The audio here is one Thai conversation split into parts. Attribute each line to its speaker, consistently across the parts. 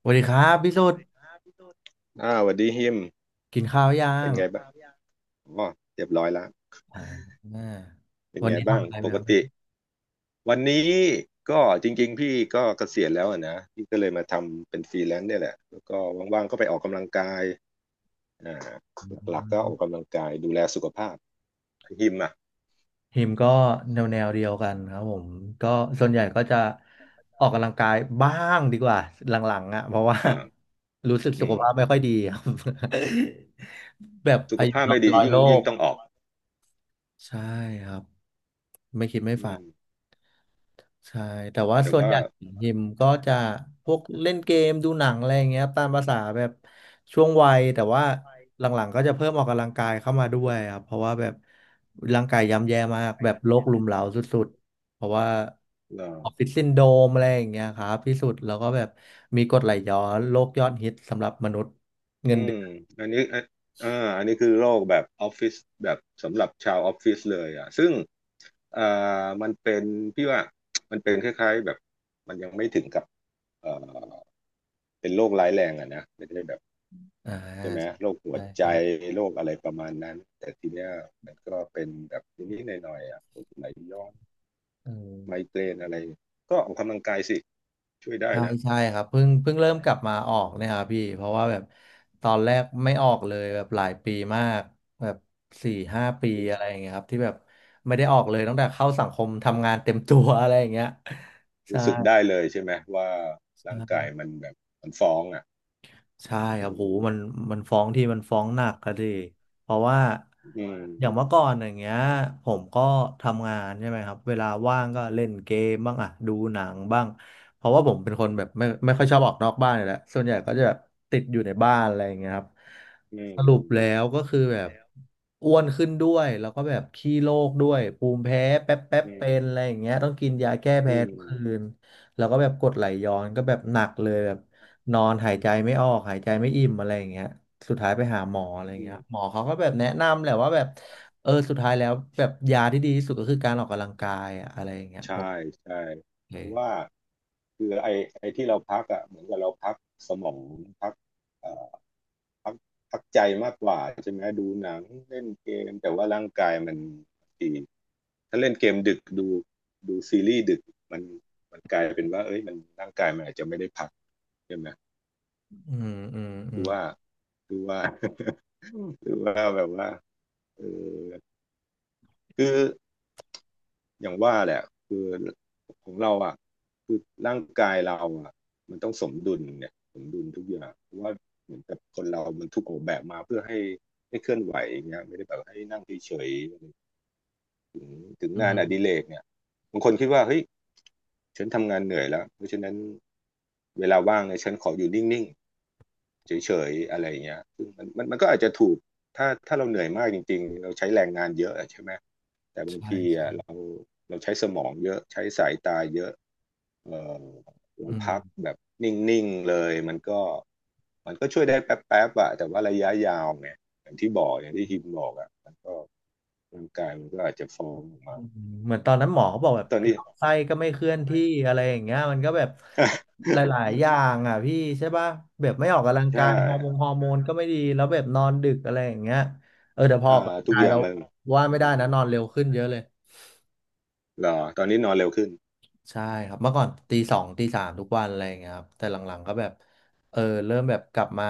Speaker 1: สวัสดีครับพี่สุด
Speaker 2: อ้าวสวัสดีฮิม
Speaker 1: กินข้าวยั
Speaker 2: เป็น
Speaker 1: ง
Speaker 2: ไงบ้างอ๋อเรียบร้อยแล้ว
Speaker 1: อ่า
Speaker 2: เป็น
Speaker 1: วัน
Speaker 2: ไง
Speaker 1: นี้
Speaker 2: บ้า
Speaker 1: ทำ
Speaker 2: ง
Speaker 1: อะไรไห
Speaker 2: ป
Speaker 1: มค
Speaker 2: ก
Speaker 1: รั
Speaker 2: ติ
Speaker 1: บ
Speaker 2: วันนี้ก็จริงๆพี่ก็เกษียณแล้วอะนะพี่ก็เลยมาทำเป็นฟรีแลนซ์เนี่ยแหละแล้วก็ว่างๆก็ไปออกกำลังกายอ่า
Speaker 1: อื
Speaker 2: หลักๆก็อ
Speaker 1: ม
Speaker 2: อกกำลังกายดูแลสุขภาพฮิมอ่ะ
Speaker 1: ทีมก็แนวเดียวกันครับผมก็ส่วนใหญ่ก็จะออกกำลังกายบ้างดีกว่าหลังๆอ่ะเพราะว่า
Speaker 2: อ่า
Speaker 1: รู้สึก
Speaker 2: อื
Speaker 1: สุข
Speaker 2: ม
Speaker 1: ภาพไม่ค่อยดีครับ แบบ
Speaker 2: สุข
Speaker 1: อายุ
Speaker 2: ภาพ
Speaker 1: น้อ
Speaker 2: ไม่
Speaker 1: ย
Speaker 2: ดี
Speaker 1: ร้อย
Speaker 2: ยิ่ง
Speaker 1: โล
Speaker 2: ยิ่ง
Speaker 1: ก
Speaker 2: ต้องออก
Speaker 1: ใช่ครับไม่คิดไม่
Speaker 2: อื
Speaker 1: ฝัน
Speaker 2: ม
Speaker 1: ใช่แต่ว่า
Speaker 2: แต่
Speaker 1: ส่วน
Speaker 2: ว่า
Speaker 1: ใหญ่หิมก็จะพวกเล่นเกมดูหนังอะไรอย่างเงี้ยตามภาษาแบบช่วงวัยแต่ว่าหลังๆก็จะเพิ่มออกกำลังกายเข้ามาด้วยครับเพราะว่าแบบร่างกายย่ำแย่มากแบบโรครุมเร้าสุดๆเพราะว่า
Speaker 2: เอ่อ
Speaker 1: ออฟฟิศซินโดรมอะไรอย่างเงี้ยครับที่สุดแล้วก็แบบมีกรดไหลย้อนโรคยอดฮิตสำหรับมนุษย์เงิ
Speaker 2: อื
Speaker 1: นเดื
Speaker 2: ม
Speaker 1: อน
Speaker 2: อันนี้อ่ะอ่าอันนี้คือโรคแบบออฟฟิศแบบสำหรับชาวออฟฟิศเลยอ่ะซึ่งเอ่อมันเป็นพี่ว่า มันเป็นคล้ายๆแบบมันยังไม่ถึงกับเอ่อเป็นโรคร้ายแรงอ่ะนะไม่ได้แบบ
Speaker 1: อ่
Speaker 2: ใช่ไหม
Speaker 1: า
Speaker 2: โรคหัว
Speaker 1: ใช่
Speaker 2: ใจ
Speaker 1: ใช่
Speaker 2: โรคอะไรประมาณนั้นแต่ทีเนี้ยมันก็เป็นแบบนิดๆหน่อยๆอ่ะปวดไหล่ย้อน
Speaker 1: เออ
Speaker 2: ไมเกรนอะไรก็ออกกำลังกายสิช่วยได้
Speaker 1: ใช่
Speaker 2: นะ
Speaker 1: ใช่ครับเพิ่งเริ่มกลับมาออกเนี่ยครับพี่เพราะว่าแบบตอนแรกไม่ออกเลยแบบหลายปีมากแบบ4 5 ปี
Speaker 2: รู้
Speaker 1: อะไรอย่างเงี้ยครับที่แบบไม่ได้ออกเลยตั้งแต่เข้าสังคมทำงานเต็มตัวอะไรอย่างเงี้ยใช่
Speaker 2: รู้สึกได้เลยใช่ไหมว่าร่างกายมันแบบมันฟ้องอ่ะ
Speaker 1: ใช่ค
Speaker 2: อื
Speaker 1: รับโหมั
Speaker 2: ม
Speaker 1: นมันฟ้องที่มันฟ้องหนักก็ดิเพราะว่า
Speaker 2: อื
Speaker 1: อย่าง
Speaker 2: ม
Speaker 1: เมื่อก่อนอย่างเงี้ยผมก็ทำงานใช่ไหมครับเวลาว่างก็เล่นเกมบ้างอะดูหนังบ้างเพราะว่าผมเป็นคนแบบไม่ค่อยชอบออกนอกบ้านอยู่แล้วส่วนใหญ่ก็จะแบบติดอยู่ในบ้านอะไรอย่างเงี้ยครับ
Speaker 2: อืม
Speaker 1: ส
Speaker 2: อื
Speaker 1: รุป
Speaker 2: ม
Speaker 1: แล้วก็คือแบบอ้วนขึ้นด้วยแล้วก็แบบขี้โรคด้วยภูมิแพ้แป๊บแป๊บ
Speaker 2: อื
Speaker 1: เป็น
Speaker 2: ม
Speaker 1: อะไรอย่างเงี้ยต้องกินยาแก้
Speaker 2: อื
Speaker 1: แพ้
Speaker 2: ม
Speaker 1: ทุกคืนแล้วก็แบบกรดไหลย้อนก็แบบหนักเลยแบบ นอนหายใจไม่ออกหายใจไม่อิ่มอะไรอย่างเงี้ยสุดท้ายไปหาหมออะไรอย่า
Speaker 2: อื
Speaker 1: งเงี้ย
Speaker 2: ม
Speaker 1: หมอเขาก็แบบแนะนำแหละว่าแบบเออสุดท้ายแล้วแบบยาที่ดีที่สุดก็คือการออกกำลังกายอะอะไรอย่างเงี้ยผ
Speaker 2: ใช่
Speaker 1: ม
Speaker 2: ใช่
Speaker 1: โอเค
Speaker 2: เพราะว่าคือไอ้ที่เราพักอ่ะเหมือนกับเราพักสมองพักเอ่อพักใจมากกว่าใช่ไหมดูหนังเล่นเกมแต่ว่าร่างกายมันดีถ้าเล่นเกมดึกดูซีรีส์ดึกมันมันกลายเป็นว่าเอ้ยมันร่างกายมันอาจจะไม่ได้พักใช่ไหม
Speaker 1: อืมอืมอื
Speaker 2: ดู
Speaker 1: ม
Speaker 2: ว่าดูว่า ดูว่าแบบว่าเออคือ อย่างว่าแหละคือของเราอ่ะคือร่างกายเราอ่ะมันต้องสมดุลเนี่ยสมดุลทุกอย่างเพราะว่าเหมือนกับคนเรามันถูกออกแบบมาเพื่อให้เคลื่อนไหวอย่างเงี้ยไม่ได้แบบให้นั่งเฉยๆถึง
Speaker 1: อื
Speaker 2: งานอดิเร
Speaker 1: ม
Speaker 2: กเนี่ยบางคนคิดว่าเฮ้ยฉันทำงานเหนื่อยแล้วเพราะฉะนั้นเวลาว่างเนี่ยฉันขออยู่นิ่ง เฉยๆอะไรอย่างเงี้ยมันก็อาจจะถูกถ้าเราเหนื่อยมากจริงๆเราใช้แรงงานเยอะอะใช่ไหม แต่บาง
Speaker 1: ใช่
Speaker 2: ที
Speaker 1: ครั
Speaker 2: อ่ะ
Speaker 1: บ
Speaker 2: เราใช้สมองเยอะใช้สายตาเยอะเออเรา
Speaker 1: อืม
Speaker 2: พักแบบนิ่งๆเลยมันก็ช่วยได้แป๊บๆอะแต่ว่าระยะยาวเนี่ยอย่างที่บอกอย่างที่ฮิมบอกอะมันก็ร่างกายมันก็อาจจะฟ้องออกมา
Speaker 1: อืมเหมือนตอนนั้นหมอเขาบอกแบบ
Speaker 2: ตอนนี้
Speaker 1: ลำไส้ก็ไม่เคลื่อนที่อะไรอย่างเงี้ยมันก็แบบห ลายๆอย่างอ่ะพี่ใช่ป่ะแบบไม่ออกกำลัง
Speaker 2: ใช่
Speaker 1: กายฮอร์โมนก็ไม่ดีแล้วแบบนอนดึกอะไรอย่างเงี้ยเออแต่พอออก
Speaker 2: อ่า
Speaker 1: กำลัง
Speaker 2: ทุก
Speaker 1: กาย
Speaker 2: อย่า
Speaker 1: แล้
Speaker 2: ง
Speaker 1: ว
Speaker 2: มัน
Speaker 1: ว่า
Speaker 2: อื
Speaker 1: ไม่ได้
Speaker 2: ม
Speaker 1: นะนอนเร็วขึ้นเยอะเลย
Speaker 2: เหรอตอนนี้นอนเร็วขึ้น
Speaker 1: ใช่ครับเมื่อก่อนตีสองตีสามทุกวันอะไรอย่างเงี้ยครับแต่หลังๆก็แบบเออเริ่มแบบกลับมา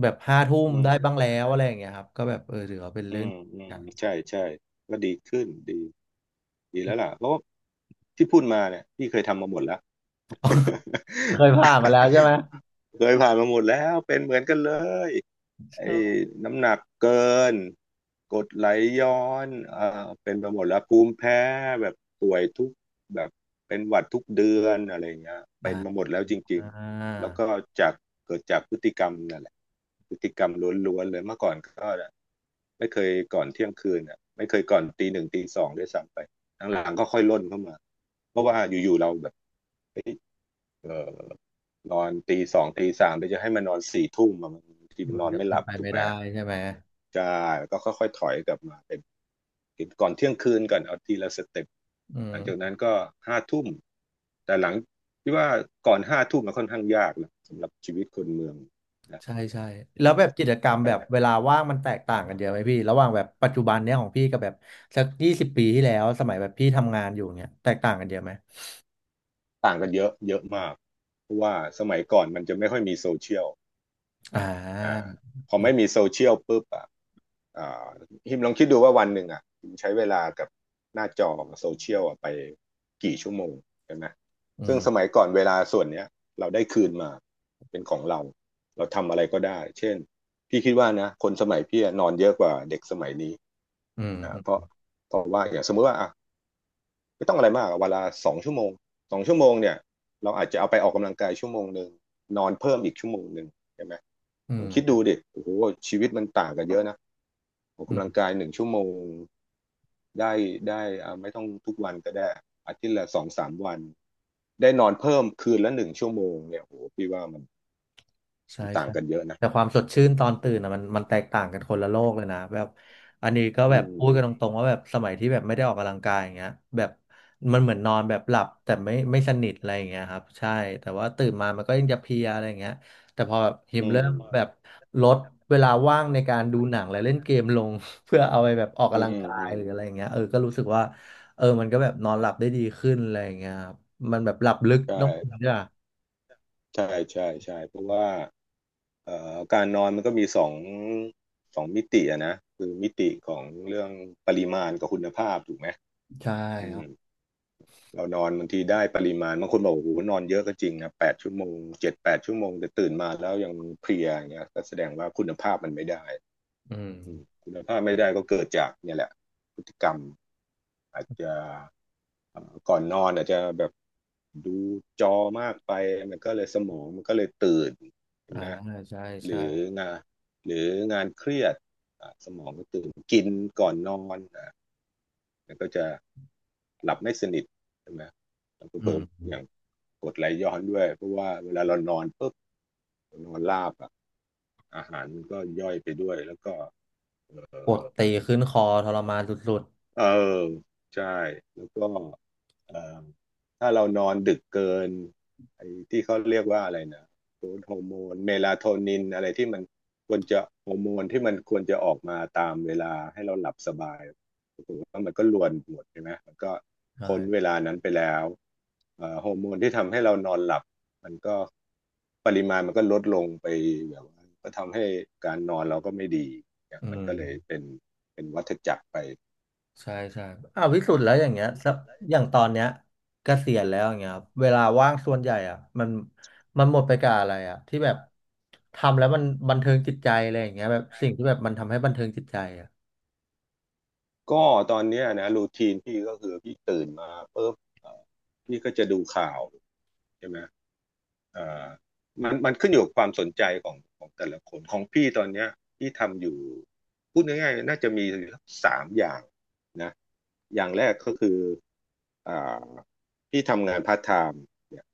Speaker 1: แบบห้าทุ่ม
Speaker 2: อืม
Speaker 1: ได้บ้างแล้วอะไรอย่างเงี้ยครับก็แบบเออถือว่าเป็น
Speaker 2: อื
Speaker 1: เรื่อง
Speaker 2: มอืม
Speaker 1: กัน
Speaker 2: ใช่ใช่ก็ดีขึ้นดีแล้วล่ะเพ ราะว่าที่พูดมาเนี่ยพี่เคยทำมาหมดแล้ว
Speaker 1: อืมเคยผ่านมาแล้วใช่ไหม
Speaker 2: เคยผ่านมาหมดแล้วเป็นเหมือนกันเลย
Speaker 1: ช
Speaker 2: ไอ้
Speaker 1: อบ
Speaker 2: น้ำหนักเกินกรดไหลย้อนเป็นไปหมดแล้วภูมิแพ้แบบป่วยทุกแบบเป็นหวัดทุกเดือนอะไรอย่างเงี้ย
Speaker 1: อ่า
Speaker 2: เป็นมาหมดแล้วจริ
Speaker 1: อ่
Speaker 2: งๆแล้ว
Speaker 1: า
Speaker 2: ก็จากเกิดจากพฤติกรรมนั่นแหละพฤติกรรมล้วนๆเลยเมื่อก่อนก็ไม่เคยก่อนเที่ยงคืนอ่ะไม่เคยก่อนตี 1 ตี 2ด้วยซ้ำไปหลังๆก็ค่อยล่นเข้ามาเพราะว่าอยู่ๆเราแบบ เออนอนตี 2 ตี 3เดี๋ยวจะให้มันนอน4 ทุ่มอะมันบางทีมัน
Speaker 1: มัน
Speaker 2: นอน
Speaker 1: แบบ
Speaker 2: ไม่ห
Speaker 1: เป็น
Speaker 2: ลับ
Speaker 1: ไป
Speaker 2: ถูก
Speaker 1: ไม่
Speaker 2: ไหม
Speaker 1: ได้ใช่ไหม
Speaker 2: ใช่แล้วก็ค่อยๆถอยกลับมาเป็นกินก่อนเที่ยงคืนก่อนเอาทีละสเต็ป
Speaker 1: อื
Speaker 2: หลังจาก
Speaker 1: ม
Speaker 2: นั้นก็ห้าทุ่มแต่หลังที่ว่าก่อนห้าทุ่มมันค่อนข้างยากนะสำหรับชีวิตคนเมืองนะ
Speaker 1: ใช่ใช่แล้
Speaker 2: อื
Speaker 1: ว
Speaker 2: ม
Speaker 1: แบบกิจกร
Speaker 2: ทั้
Speaker 1: ร
Speaker 2: ง
Speaker 1: ม
Speaker 2: ไป
Speaker 1: แบบเวลาว่างมันแตกต่างกันเยอะไหมพี่ระหว่างแบบปัจจุบันเนี้ยของพี่กับแบบสัก20 ปีที่แล้วสมัยแบบพี่ทำงานอยู่เนี้ยแตกต่างกันเยอะไหม
Speaker 2: ต่างกันเยอะเยอะมากเพราะว่าสมัยก่อนมันจะไม่ค่อยมีโซเชียล
Speaker 1: อ่า
Speaker 2: อ่าพอ
Speaker 1: ครั
Speaker 2: ไม่
Speaker 1: บ
Speaker 2: มีโซเชียลปุ๊บอ่ะอ่าฮิมลองคิดดูว่าวันหนึ่งอ่ะฮิมใช้เวลากับหน้าจอโซเชียลอ่ะไปกี่ชั่วโมงใช่ไหม
Speaker 1: อื
Speaker 2: ซึ่งสมั
Speaker 1: ม
Speaker 2: ยก่อนเวลาส่วนเนี้ยเราได้คืนมาเป็นของเราเราทำอะไรก็ได้เช่นพี่คิดว่านะคนสมัยพี่อะนอนเยอะกว่าเด็กสมัยนี้
Speaker 1: อืม
Speaker 2: นะเพราะว่าอย่างสมมติว่าอ่ะไม่ต้องอะไรมากอะเวนลาสองชั่วโมงเนี่ยเราอาจจะเอาไปออกกำลังกายชั่วโมงหนึ่งนอนเพิ่มอีกชั่วโมงหนึ่งใช่ไหม
Speaker 1: อื
Speaker 2: ผมคิดดู
Speaker 1: ม
Speaker 2: ดิโอ้โหชีวิตมันต่างกันเยอะนะออก
Speaker 1: อื
Speaker 2: กำลัง
Speaker 1: ม
Speaker 2: กายหนึ่งชั่วโมงได้ได้อ่าไม่ต้องทุกวันก็ได้อาทิตย์ละ2-3 วันได้นอนเพิ่มคืนละหนึ่งชั่วโมงเนี่ยโอ้โหพี่ว่ามัน
Speaker 1: ใช่
Speaker 2: ต่าง
Speaker 1: ใช่
Speaker 2: กันเยอะนะ
Speaker 1: แต่ความสดชื่นตอนตื่นอะมันแตกต่างกันคนละโลกเลยนะแบบอันนี้ก็
Speaker 2: อื
Speaker 1: แบบพู
Speaker 2: ม
Speaker 1: ดกันตรงๆว่าแบบสมัยที่แบบไม่ได้ออกกำลังกายอย่างเงี้ยแบบมันเหมือนนอนแบบหลับแต่ไม่สนิทอะไรอย่างเงี้ยครับใช่แต่ว่าตื่นมามันก็ยังจะเพลียอะไรอย่างเงี้ยแต่พอแบบฮิ
Speaker 2: อื
Speaker 1: มเริ่ม
Speaker 2: ม
Speaker 1: แบบลดเวลาว่างในการดูหนังและเล่นเกมลง เพื่อเอาไปแบบออก
Speaker 2: อื
Speaker 1: กำลัง
Speaker 2: ม
Speaker 1: กา
Speaker 2: อื
Speaker 1: ย
Speaker 2: ม
Speaker 1: หรืออะไรอย่างเงี้ยเออก็รู้สึกว่าเออมันก็แบบนอนหลับได้ดีขึ้นอะไรอย่างเงี้ยครับมันแบบหลับลึก
Speaker 2: ใช่
Speaker 1: ต้องคุยด้วยอะ
Speaker 2: ใช่ใช่ใช่เพราะว่าการนอนมันก็มีสองมิติอะนะคือมิติของเรื่องปริมาณกับคุณภาพถูกไหม
Speaker 1: ใช่
Speaker 2: อืม เรานอนบางทีได้ปริมาณบางคนบอกโอ้โหนอนเยอะก็จริงนะแปดชั่วโมง7-8 ชั่วโมงแต่ตื่นมาแล้วยังเพลียอย่างเงี้ยก็แสดงว่าคุณภาพมันไม่ได้
Speaker 1: อืม
Speaker 2: คุณภาพไม่ได้ก็เกิดจากเนี่ยแหละพฤติกรรมอาจจะก่อนนอนอาจจะแบบดูจอมากไปมันก็เลยสมองมันก็เลยตื่นใช่
Speaker 1: อ่า
Speaker 2: ไหม
Speaker 1: ใช่
Speaker 2: ห
Speaker 1: ใช่
Speaker 2: รืองานหรืองานเครียดสมองก็ตื่นกินก่อนนอน มันก็จะหลับไม่สนิทใช่ไหมแล้วก็
Speaker 1: อื
Speaker 2: เพิ่มอย่าง
Speaker 1: ม
Speaker 2: กดไหลย้อนด้วยเพราะว่าเวลาเรานอนปุ๊บเรานอนราบอ่ะอาหารมันก็ย่อยไปด้วยแล้วก็
Speaker 1: ปวดตีขึ้นคอทรมานสุด
Speaker 2: เออใช่แล้วก็เอ่อถ้าเรานอนดึกเกินไอ้ที่เขาเรียกว่าอะไรนะฮอร์โมนเมลาโทนินอะไรที่มันควรจะฮอร์โมนที่มันควรจะออกมาตามเวลาให้เราหลับสบายปรากฏว่ามันก็รวนหมดใช่ไหมมันก็
Speaker 1: ๆใช่
Speaker 2: พ้นเวลานั้นไปแล้วฮอร์โมนที่ทำให้เรานอนหลับมันก็ปริมาณมันก็ลดลงไปแบบว่าก็ทำให้การนอนเราก็ไม่ดีเนี่ย
Speaker 1: อื
Speaker 2: มัน
Speaker 1: ม
Speaker 2: ก็เลยเป็นวัฏจักรไป
Speaker 1: ใช่ใช่อ่าวพิสุทธ์แล้วอย่างเงี้ยสักอย่างตอนเนี้ยเกษียณแล้วอย่างเงี้ยครับเวลาว่างส่วนใหญ่อ่ะมันมันหมดไปกับอะไรอ่ะที่แบบทำแล้วมันบันเทิงจิตใจอะไรอย่างเงี้ยแบบสิ่งที่แบบมันทำให้บันเทิงจิตใจอ่ะ
Speaker 2: ก็ตอนเนี้ยนะรูทีนพี่ก็คือพี่ตื่นมาปุ๊บเอ่อพี่ก็จะดูข่าวใช่ไหมเอ่อมันขึ้นอยู่กับความสนใจของแต่ละคนของพี่ตอนเนี้ยพี่ทำอยู่พูดง่ายๆน่าจะมีอยู่สักสามอย่างนะอย่างแรกก็คืออ่าพี่ทำงานพาร์ทไทม์เนี่ย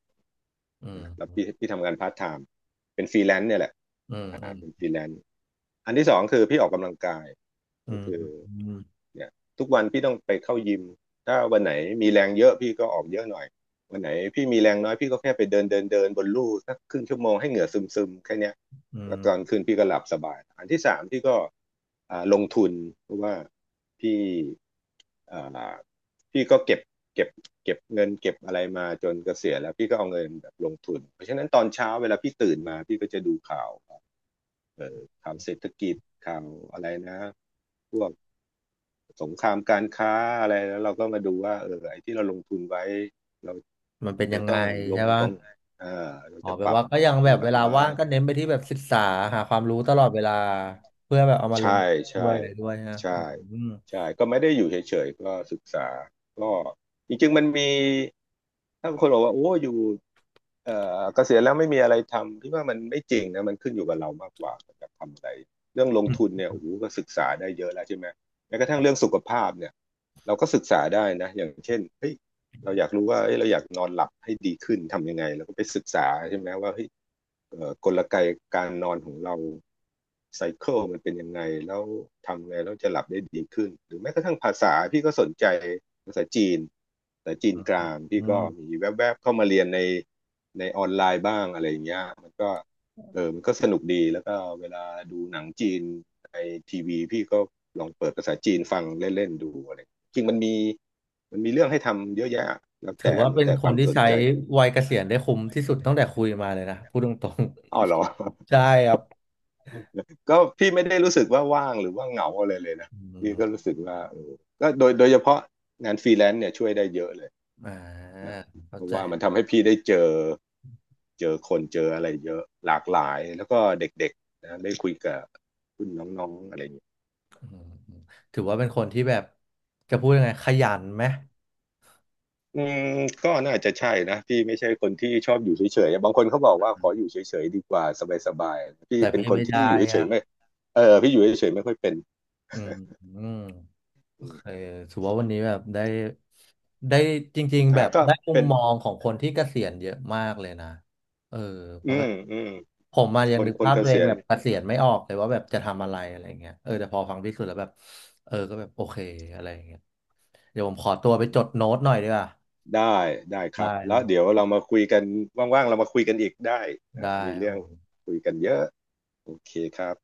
Speaker 1: อื
Speaker 2: นะแล้ว
Speaker 1: ม
Speaker 2: พี่ทำงานพาร์ทไทม์เป็นฟรีแลนซ์เนี่ยแหละ
Speaker 1: อืมอืม
Speaker 2: เป็นฟรีแลนซ์อันที่สองคือพี่ออกกำลังกาย
Speaker 1: อื
Speaker 2: ก็
Speaker 1: ม
Speaker 2: คือ
Speaker 1: อืม
Speaker 2: เนี่ยทุกวันพี่ต้องไปเข้ายิมถ้าวันไหนมีแรงเยอะพี่ก็ออกเยอะหน่อยวันไหนพี่มีแรงน้อยพี่ก็แค่ไปเดินเดินเดินบนลู่สักครึ่งชั่วโมงให้เหงื่อซึมซึมแค่เนี้ย
Speaker 1: อื
Speaker 2: แล้วตอน
Speaker 1: ม
Speaker 2: คืนพี่ก็หลับสบายอันที่สามพี่ก็ลงทุนเพราะว่าพี่อ่าพี่ก็เก็บเก็บเงินเก็บอะไรมาจนเกษียณแล้วพี่ก็เอาเงินแบบลงทุนเพราะฉะนั้นตอนเช้าเวลาพี่ตื่นมาพี่ก็จะดูข่าวข่าวเศรษฐกิจข่าวอะไรนะพวก สงครามการค้าอะไรแล้วเราก็มาดูว่าเออไอ้ที่เราลงทุนไว้เรา
Speaker 1: มันเป็
Speaker 2: เรา
Speaker 1: นยั
Speaker 2: จะ
Speaker 1: งไง
Speaker 2: ต้องล
Speaker 1: ใช่
Speaker 2: ง
Speaker 1: ปะ
Speaker 2: ตรงไหนเรา
Speaker 1: อ๋อ
Speaker 2: จะ
Speaker 1: แปล
Speaker 2: ปรับ
Speaker 1: ว่าก็ยัง
Speaker 2: พ
Speaker 1: แบ
Speaker 2: อ
Speaker 1: บ
Speaker 2: ร์
Speaker 1: เว
Speaker 2: ต
Speaker 1: ลา
Speaker 2: ไหม
Speaker 1: ว่างก็เน้นไปที่แบบศึกษาหาความรู้ตลอดเวลาเพื่อแบบเอามาล
Speaker 2: ใช่
Speaker 1: งด้
Speaker 2: ใช่
Speaker 1: วยอะไรด้วยฮะ
Speaker 2: ใช่
Speaker 1: อืม
Speaker 2: ใช่ก็ไม่ได้อยู่เฉยๆก็ศึกษาก็จริงๆมันมีถ้าคนบอกว่าโอ้อยู่เอ่เกษียณแล้วไม่มีอะไรทำพี่ว่ามันไม่จริงนะมันขึ้นอยู่กับเรามากกว่าเราจะทำอะไรเรื่องลง
Speaker 1: อื
Speaker 2: ทุน
Speaker 1: ม
Speaker 2: เนี่ยโอ้โหก็ศึกษาได้เยอะแล้วใช่ไหมแม้กระทั่งเรื่องสุขภาพเนี่ยเราก็ศึกษาได้นะอย่างเช่นเฮ้ย เราอยากรู้ว่าเอ้ยเราอยากนอนหลับให้ดีขึ้นทำยังไงเราก็ไปศึกษาใช่ไหมว่าเฮ้ยกลไกการนอนของเราไซเคิลมันเป็นยังไงแล้วทำไงแล้วจะหลับได้ดีขึ้นหรือแม้กระทั่งภาษาพี่ก็สนใจภาษาจีนภาษาจีน
Speaker 1: อื
Speaker 2: กลา
Speaker 1: ม
Speaker 2: งพี่
Speaker 1: อื
Speaker 2: ก็
Speaker 1: ม
Speaker 2: มีแวบๆเข้ามาเรียนในออนไลน์บ้างอะไรอย่างเงี้ยมันก็เออมันก็สนุกดีแล้วก็เวลาดูหนังจีนในทีวีพี่ก็ลองเปิดภาษาจีนฟังเล่นๆดูอะไร จริงมันมีเรื่องให้ทำเยอะแยะ
Speaker 1: ถือว่า
Speaker 2: แล้ว
Speaker 1: เป็น
Speaker 2: แต่
Speaker 1: ค
Speaker 2: ค
Speaker 1: น
Speaker 2: วาม
Speaker 1: ที่
Speaker 2: สน
Speaker 1: ใช้
Speaker 2: ใจ
Speaker 1: วัยเกษียณได้คุ้มที่สุดตั้งแต่คุยมาเลยนะพูดตรง
Speaker 2: อ้าวเหรอ
Speaker 1: ๆ ใช่ครับ
Speaker 2: ก็พี่ไม่ได้รู้สึกว่าว่างหรือว่าเหงาอะไรเลยนะ
Speaker 1: อื
Speaker 2: พี่ก็
Speaker 1: ม
Speaker 2: รู้สึกว่าเออก็โดยเฉพาะงานฟรีแลนซ์เนี่ยช่วยได้เยอะเลย
Speaker 1: อ่า
Speaker 2: นะเพ
Speaker 1: เข้า
Speaker 2: ราะ
Speaker 1: ใจ
Speaker 2: ว่ามันทำให้พี่ได้เจอคนเจออะไรเยอะหลากหลายแล้วก็เด็กๆนะได้คุยกับรุ่นน้องๆอะไรอย่างี้
Speaker 1: อืมอืมถือว่าเป็นคนที่แบบจะพูดยังไงขยันไหม
Speaker 2: อืมก็น่าจะใช่นะพี่ไม่ใช่คนที่ชอบอยู่เฉยๆบางคนเขาบอกว่าขออยู่เฉยๆดีกว่าสบายๆพี่
Speaker 1: แต่
Speaker 2: เป็น
Speaker 1: พี่
Speaker 2: คน
Speaker 1: ไม่
Speaker 2: ที่
Speaker 1: ได้
Speaker 2: อยู่เฉ
Speaker 1: อ่ะ
Speaker 2: ยๆไม่เออพี่อยู่เฉยๆไม่ค่อยเป็น
Speaker 1: อืมอืม โอ
Speaker 2: อื
Speaker 1: เค
Speaker 2: ม
Speaker 1: ถือว่าวันนี้แบบได้ได้จริงๆแบบ
Speaker 2: ก็
Speaker 1: ได้มุม
Speaker 2: เป็น
Speaker 1: มองของคนที่เกษียณเยอะมากเลยนะเออเพ
Speaker 2: อื
Speaker 1: ราะแบ
Speaker 2: ม
Speaker 1: บ
Speaker 2: อืม
Speaker 1: ผมมายั
Speaker 2: ค
Speaker 1: ง
Speaker 2: น
Speaker 1: นึก
Speaker 2: คน
Speaker 1: ภาพ
Speaker 2: เก
Speaker 1: ตัวเอ
Speaker 2: ษี
Speaker 1: ง
Speaker 2: ยณ
Speaker 1: แบบเกษียณไม่ออกเลยว่าแบบจะทำอะไรอะไรเงี้ยเออแต่พอฟังพี่สุดแล้วแบบเออก็แบบโอเคอะไรเงี้ยเดี๋ยวผมขอตัวไป
Speaker 2: อื
Speaker 1: จดโน้
Speaker 2: ม
Speaker 1: ตหน่อยดีกว่า
Speaker 2: ได้ได้ค
Speaker 1: ได้
Speaker 2: รับ
Speaker 1: ครั
Speaker 2: แล้
Speaker 1: บ
Speaker 2: ว
Speaker 1: ผ
Speaker 2: เดี๋ยว
Speaker 1: ม
Speaker 2: เรามาคุยกันว่างๆเรามาคุยกันอีกได้นะ
Speaker 1: ได้
Speaker 2: มี
Speaker 1: ครับ
Speaker 2: เรื่อง
Speaker 1: ผม
Speaker 2: คุยกันเยอะโอเคครับ